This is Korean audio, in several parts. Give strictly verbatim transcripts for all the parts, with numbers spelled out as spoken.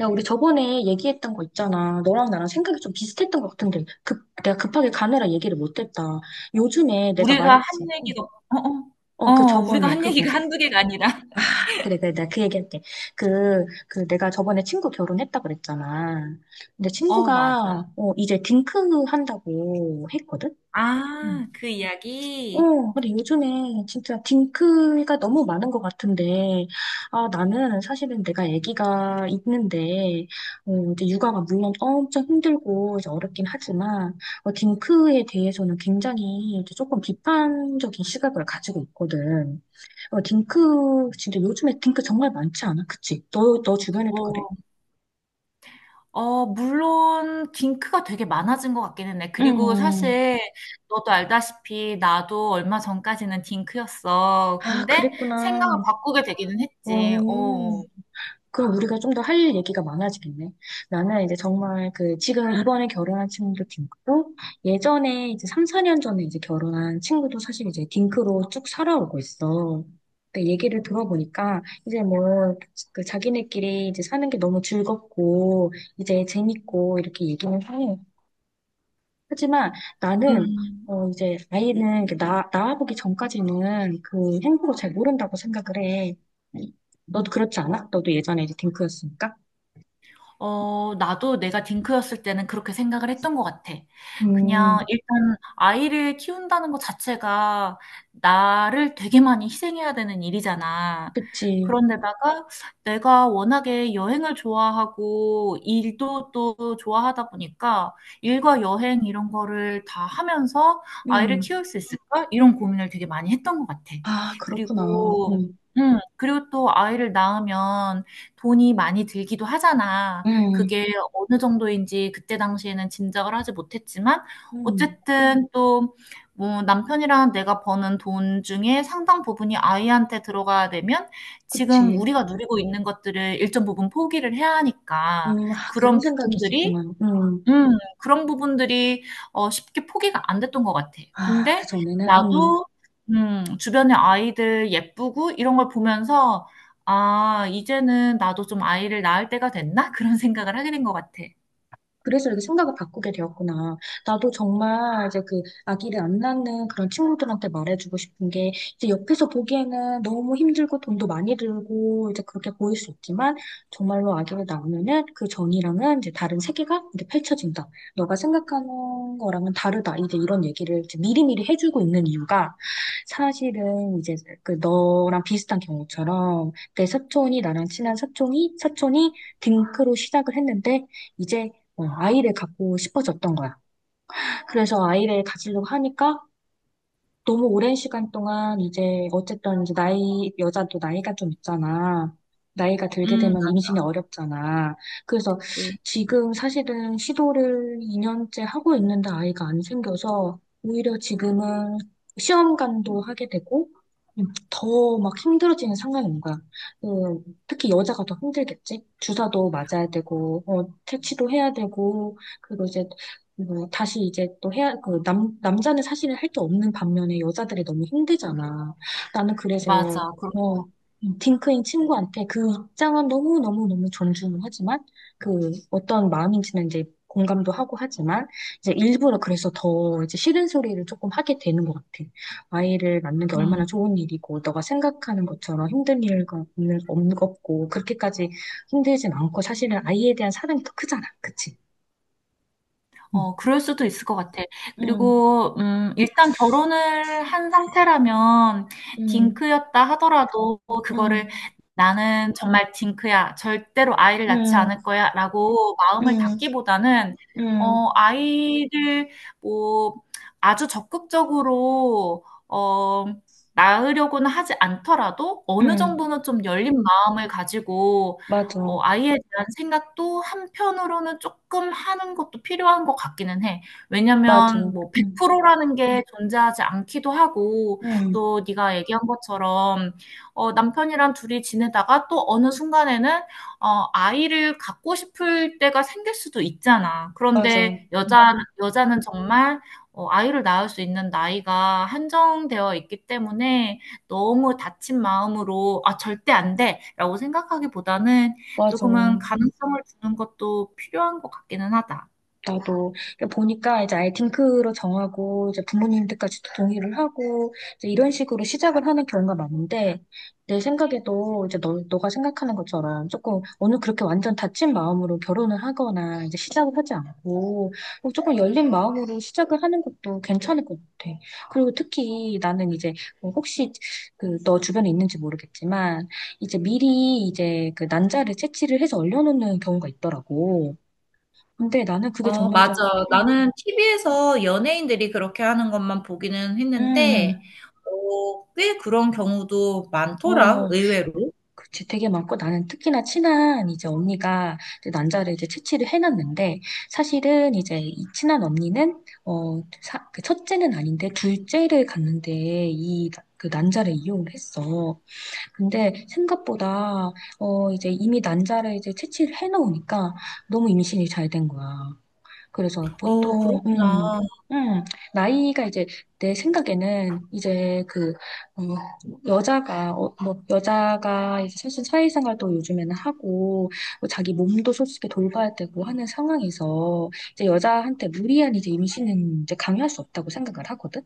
야, 우리 저번에 얘기했던 거 있잖아. 너랑 나랑 생각이 좀 비슷했던 것 같은데, 급, 내가 급하게 가느라 얘기를 못했다. 요즘에 내가 우리가 한 말했지. 어, 얘기가. 어어. 어 어, 그 어, 우리가 저번에 한 그거. 얘기가 한두 개가 아니라. 아, 그래, 그래, 내가 그 얘기할게. 그, 그 내가 저번에 친구 결혼했다 그랬잖아. 근데 어, 맞아. 친구가 어, 이제 딩크 한다고 했거든? 아, 그 이야기? 어, 근데 요즘에 진짜 딩크가 너무 많은 것 같은데, 아, 나는 사실은 내가 아기가 있는데, 어, 이제 육아가 물론 엄청 힘들고 이제 어렵긴 하지만, 어, 딩크에 대해서는 굉장히 이제 조금 비판적인 시각을 가지고 있거든. 어, 딩크, 진짜 요즘에 딩크 정말 많지 않아? 그치? 너, 너 주변에도 그래? 어. 어, 물론 딩크가 되게 많아진 것 같기는 해. 그리고 음, 사실 너도 알다시피 나도 얼마 전까지는 딩크였어. 아, 근데 생각을 그랬구나. 바꾸게 되기는 어, 했지. 어. 그럼 우리가 좀 더 할 일 얘기가 많아지겠네. 나는 이제 정말 그 지금 이번에 결혼한 친구도 딩크고 예전에 이제 삼, 사 년 전에 이제 결혼한 친구도 사실 이제 딩크로 쭉 살아오고 있어. 근데 얘기를 들어보니까 이제 뭐 그 자기네끼리 이제 사는 게 너무 즐겁고 이제 재밌고 이렇게 얘기는 해. 하지만 나는 음. 어 이제 아이는 이렇게 나 낳아보기 전까지는 그 행복을 잘 모른다고 생각을 해. 너도 그렇지 않아? 너도 예전에 이제 딩크였으니까. 어, 나도 내가 딩크였을 때는 그렇게 생각을 했던 것 같아. 그냥 음, 일단 아이를 키운다는 것 자체가 나를 되게 많이 희생해야 되는 일이잖아. 그치. 그런데다가 내가 워낙에 여행을 좋아하고 일도 또 좋아하다 보니까 일과 여행 이런 거를 다 하면서 아이를 음, 키울 수 있을까? 이런 고민을 되게 많이 했던 것 같아. 아, 그렇구나. 그리고, 음, 음, 그리고 또 아이를 낳으면 돈이 많이 들기도 하잖아. 음, 그게 어느 정도인지 그때 당시에는 짐작을 하지 못했지만 음, 어쨌든 또 뭐 남편이랑 내가 버는 돈 중에 상당 부분이 아이한테 들어가야 되면 지금 그치. 우리가 누리고 있는 것들을 일정 부분 포기를 해야 하니까 음, 아, 그런 그런 생각이 부분들이 있었구나. 음, 음. 그런 부분들이 어 쉽게 포기가 안 됐던 것 같아. 아, 그 근데 전에는, 나도 음 주변의 아이들 예쁘고 이런 걸 보면서 '아, 이제는 나도 좀 아이를 낳을 때가 됐나?' 그런 생각을 하게 된 것 같아. 그래서 이렇게 생각을 바꾸게 되었구나. 나도 정말 이제 그 아기를 안 낳는 그런 친구들한테 말해주고 싶은 게 이제 옆에서 보기에는 너무 힘들고 돈도 많이 들고 이제 그렇게 보일 수 있지만 정말로 아기를 낳으면은 그 전이랑은 이제 다른 세계가 이렇게 펼쳐진다. 너가 생각하는 거랑은 다르다. 이제 이런 얘기를 이제 미리미리 해주고 있는 이유가 사실은 이제 그 너랑 비슷한 경우처럼 내 사촌이 나랑 친한 사촌이 사촌이 딩크로 시작을 했는데 이제 어, 아이를 갖고 싶어졌던 거야. 그래서 아이를 가지려고 하니까 너무 오랜 시간 동안 이제 어쨌든 이제 나이, 여자도 나이가 좀 있잖아. 나이가 들게 음, 되면 임신이 어렵잖아. 그래서 맞지. 지금 사실은 시도를 이 년째 하고 있는데 아이가 안 생겨서 오히려 지금은 시험관도 하게 되고 음, 더막 힘들어지는 상황이 온 거야. 음, 특히 여자가 더 힘들겠지? 주사도 맞아야 되고, 어, 퇴치도 해야 되고, 그리고 이제 뭐 다시 이제 또 해야, 그 남, 남자는 사실은 할 게 없는 반면에 여자들이 너무 힘들잖아. 나는 그래서, 맞아. 그런, 어, 딩크인 친구한테 그 입장은 너무너무너무 존중하지만, 그 어떤 마음인지는 이제 공감도 하고 하지만, 이제 일부러 그래서 더 이제 싫은 소리를 조금 하게 되는 것 같아. 아이를 낳는 게 얼마나 음. 좋은 일이고, 너가 생각하는 것처럼 힘든 일과 없는, 없는 없고, 그렇게까지 힘들진 않고, 사실은 아이에 대한 사랑이 더 크잖아. 그치? 응. 어, 그럴 수도 있을 것 같아. 응. 그리고, 음, 일단 결혼을 한 상태라면, 응, 딩크였다 하더라도, 응, 그거를 나는 정말 딩크야. 절대로 아이를 낳지 응, 않을 거야. 라고 마음을 응, 닫기보다는, 응, 어, 아이를 뭐, 아주 적극적으로, 어, 낳으려고는 하지 않더라도, 어느 응, 정도는 좀 열린 마음을 가지고, 어, 맞아, 아이에 대한 생각도 한편으로는 조금 하는 것도 필요한 것 같기는 해. 맞아, 왜냐면 뭐 응, 백 퍼센트 라는 게 존재하지 않기도 하고 응, 또 네가 얘기한 것처럼 어, 남편이랑 둘이 지내다가 또 어느 순간에는 어, 아이를 갖고 싶을 때가 생길 수도 있잖아. 맞아, 그런데 여자 여자는 정말 어, 아이를 낳을 수 있는 나이가 한정되어 있기 때문에 너무 다친 마음으로 '아, 절대 안 돼.'라고 생각하기보다는 맞아. 조금은 가능성을 주는 것도 필요한 것 같기는 하다. 나도 그러니까 보니까 이제 아예 딩크로 정하고 이제 부모님들까지 동의를 하고 이제 이런 식으로 시작을 하는 경우가 많은데 내 생각에도 이제 너, 너가 생각하는 것처럼 조금 오늘 그렇게 완전 닫힌 마음으로 결혼을 하거나 이제 시작을 하지 않고 뭐 조금 열린 마음으로 시작을 하는 것도 괜찮을 것 같아. 그리고 특히 나는 이제 뭐 혹시 그 너 주변에 있는지 모르겠지만 이제 미리 이제 그 난자를 채취를 해서 얼려놓는 경우가 있더라고. 근데 나는 그게 어, 정말 맞아. 좀. 음, 나는 티비에서 연예인들이 그렇게 하는 것만 보기는 음, 했는데, 음. 어, 꽤 그런 경우도 많더라, 어, 의외로. 그치, 되게 많고 나는 특히나 친한 이제 언니가 이제 난자를 이제 채취를 해놨는데 사실은 이제 이 친한 언니는 어, 사, 그 첫째는 아닌데 둘째를 갔는데 이 그 난자를 이용을 했어. 근데 생각보다 어 이제 이미 난자를 이제 채취를 해놓으니까 너무 임신이 잘 된 거야. 그래서 어, 보통, 그렇구나. 음, 음, 나이가 이제 내 생각에는 이제 그, 어, 여자가, 어, 뭐, 여자가 이제 사실 사회생활도 요즘에는 하고, 뭐 자기 몸도 솔직히 돌봐야 되고 하는 상황에서 이제 여자한테 무리한 이제 임신은 이제 강요할 수 없다고 생각을 하거든?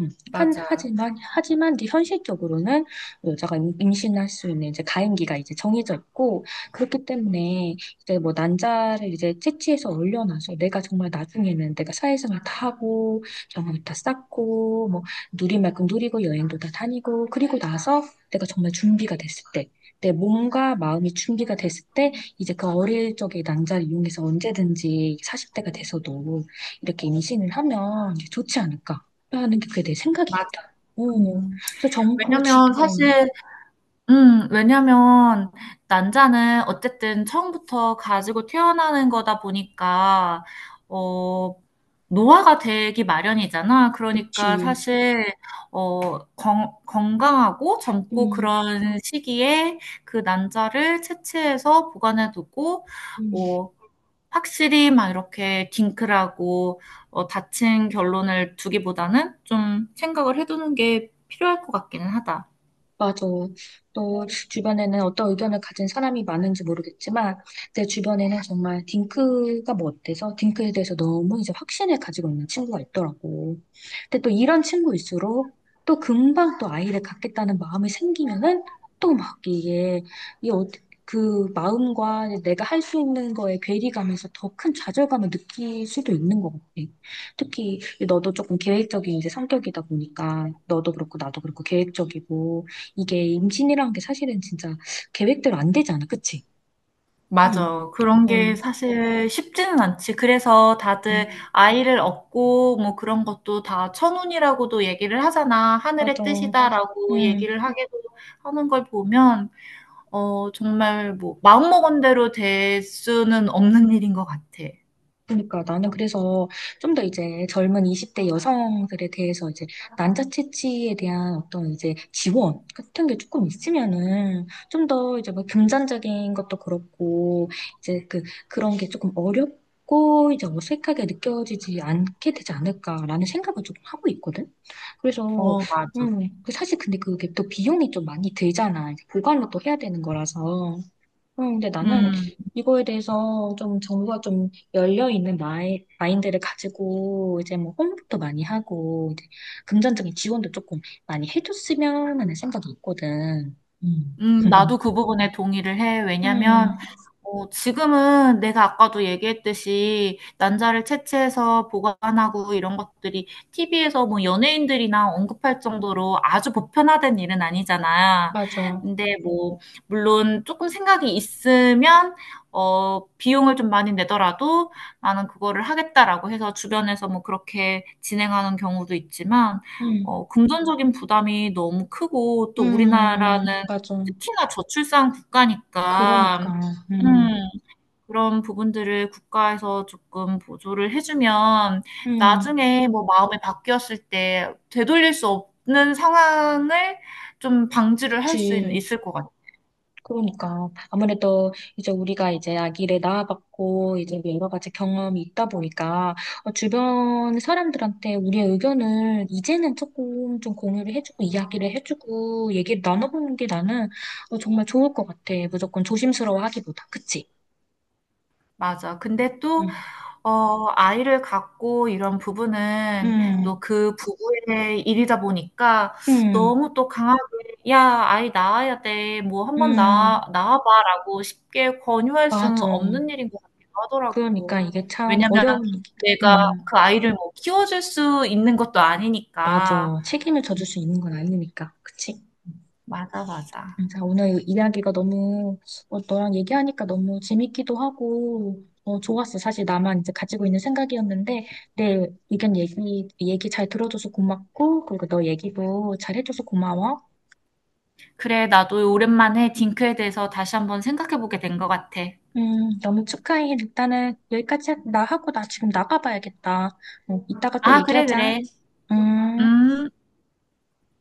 음, 한, 맞아. 하지만, 하지만 이제 현실적으로는 여자가 임- 임신할 수 있는 이제 가임기가 이제 정해져 있고, 그렇기 때문에 이제 뭐 난자를 이제 채취해서 올려놔서 내가 정말 나중에는 내가 사회생활 다 하고, 경험을 다 쌓고, 뭐 누릴 만큼 누리고, 여행도 다 다니고, 그리고 나서 내가 정말 준비가 됐을 때, 내 몸과 마음이 준비가 됐을 때, 이제 그 어릴 적의 난자를 이용해서 언제든지 사십 대가 돼서도 이렇게 임신을 하면 이제 좋지 않을까. 라는 게 그게 내 맞아. 생각이거든. 어. 음. 그래서 정보 지 왜냐면 금 사실 음, 왜냐면 난자는 어쨌든 처음부터 가지고 태어나는 거다 보니까 어 노화가 되기 마련이잖아. 그러니까 그치. 사실 어 건, 건강하고 젊고 음, 그런 시기에 그 난자를 채취해서 보관해 두고 음. 뭐 확실히 막 이렇게 딩크라고 어, 다친 결론을 두기보다는 좀 생각을 해두는 게 필요할 것 같기는 하다. 맞아. 또 주변에는 어떤 의견을 가진 사람이 많은지 모르겠지만 내 주변에는 정말 딩크가 뭐 어때서 딩크에 대해서 너무 이제 확신을 가지고 있는 친구가 있더라고. 근데 또 이런 친구일수록 또 금방 또 아이를 갖겠다는 마음이 생기면은 또 막 이게 이 어- 그 마음과 내가 할 수 있는 거에 괴리감에서 더 큰 좌절감을 느낄 수도 있는 것 같아. 특히 너도 조금 계획적인 이제 성격이다 보니까 너도 그렇고 나도 그렇고 계획적이고 이게 임신이라는 게 사실은 진짜 계획대로 안 되잖아. 그치? 응, 맞아. 그런 게 응, 사실 쉽지는 않지. 그래서 다들 응, 아이를 얻고 뭐 그런 것도 다 천운이라고도 얘기를 하잖아. 맞아. 하늘의 뜻이다라고 응. 얘기를 하기도 하는 걸 보면, 어, 정말 뭐 마음먹은 대로 될 수는 없는 일인 것 같아. 그러니까 나는 그래서 좀 더 이제 젊은 이십 대 여성들에 대해서 이제 난자 채취에 대한 어떤 이제 지원 같은 게 조금 있으면은 좀 더 이제 뭐 금전적인 것도 그렇고 이제 그 그런 게 조금 어렵고 이제 어색하게 느껴지지 않게 되지 않을까라는 생각을 조금 하고 있거든. 그래서 어, 맞아. 음, 그 사실 근데 그게 또 비용이 좀 많이 들잖아. 이제 보관을 또 해야 되는 거라서. 음, 근데 나는 음. 이거에 대해서 좀 정부가 좀 열려있는 마이, 마인드를 가지고 이제 뭐 홍보도 많이 하고 이제 금전적인 지원도 조금 많이 해줬으면 하는 생각이 있거든. 음. 음, 나도 그 부분에 동의를 해. 음, 왜냐면, 어, 지금은 내가 아까도 얘기했듯이 난자를 채취해서 보관하고 이런 것들이 티비에서 뭐 연예인들이나 언급할 정도로 아주 보편화된 일은 아니잖아. 맞아. 근데 뭐, 물론 조금 생각이 있으면, 어, 비용을 좀 많이 내더라도 나는 그거를 하겠다라고 해서 주변에서 뭐 그렇게 진행하는 경우도 있지만, 음, 어, 금전적인 부담이 너무 크고 또 우리나라는 음, 맞아. 특히나 저출산 그러니까, 국가니까 음, 음 그런 부분들을 국가에서 조금 보조를 해 주면 음, 나중에 뭐 마음이 바뀌었을 때 되돌릴 수 없는 상황을 좀 방지를 할 수 그치. 있을 것 같아. 그러니까 아무래도 이제 우리가 이제 아기를 낳아봤고 이제 뭐 여러 가지 경험이 있다 보니까 어, 주변 사람들한테 우리의 의견을 이제는 조금 좀 공유를 해주고 이야기를 해주고 얘기를 나눠보는 게 나는 어, 정말 좋을 것 같아. 무조건 조심스러워하기보다, 그치? 맞아. 근데 또 응, 어, 아이를 갖고 이런 부부는 또 응, 그 부부의 일이다 보니까 응, 너무 또 강하게, 야, 아이 낳아야 돼. 뭐 한번 응, 낳아, 낳아봐. 라고 쉽게 권유할 수는 맞아. 없는 일인 것 같기도 그러니까 하더라고. 이게 참 왜냐면 어려운 얘기다. 내가 응, 그 아이를 뭐 키워줄 수 있는 것도 아니니까. 맞아. 책임을 져줄 수 있는 건 아니니까, 그치? 맞아, 맞아. 음, 자, 오늘 이 이야기가 너무, 어, 너랑 얘기하니까 너무 재밌기도 하고, 어, 좋았어. 사실 나만 이제 가지고 있는 생각이었는데, 내 의견 얘기, 얘기 잘 들어줘서 고맙고, 그리고 너 얘기도 잘 해줘서 고마워. 그래, 나도 오랜만에 딩크에 대해서 다시 한번 생각해보게 된 것 같아. 음, 너무 축하해. 일단은 여기까지 나 하고 나 지금 나가봐야겠다. 어, 이따가 또 아, 그래, 얘기하자. 그래. 음. 음.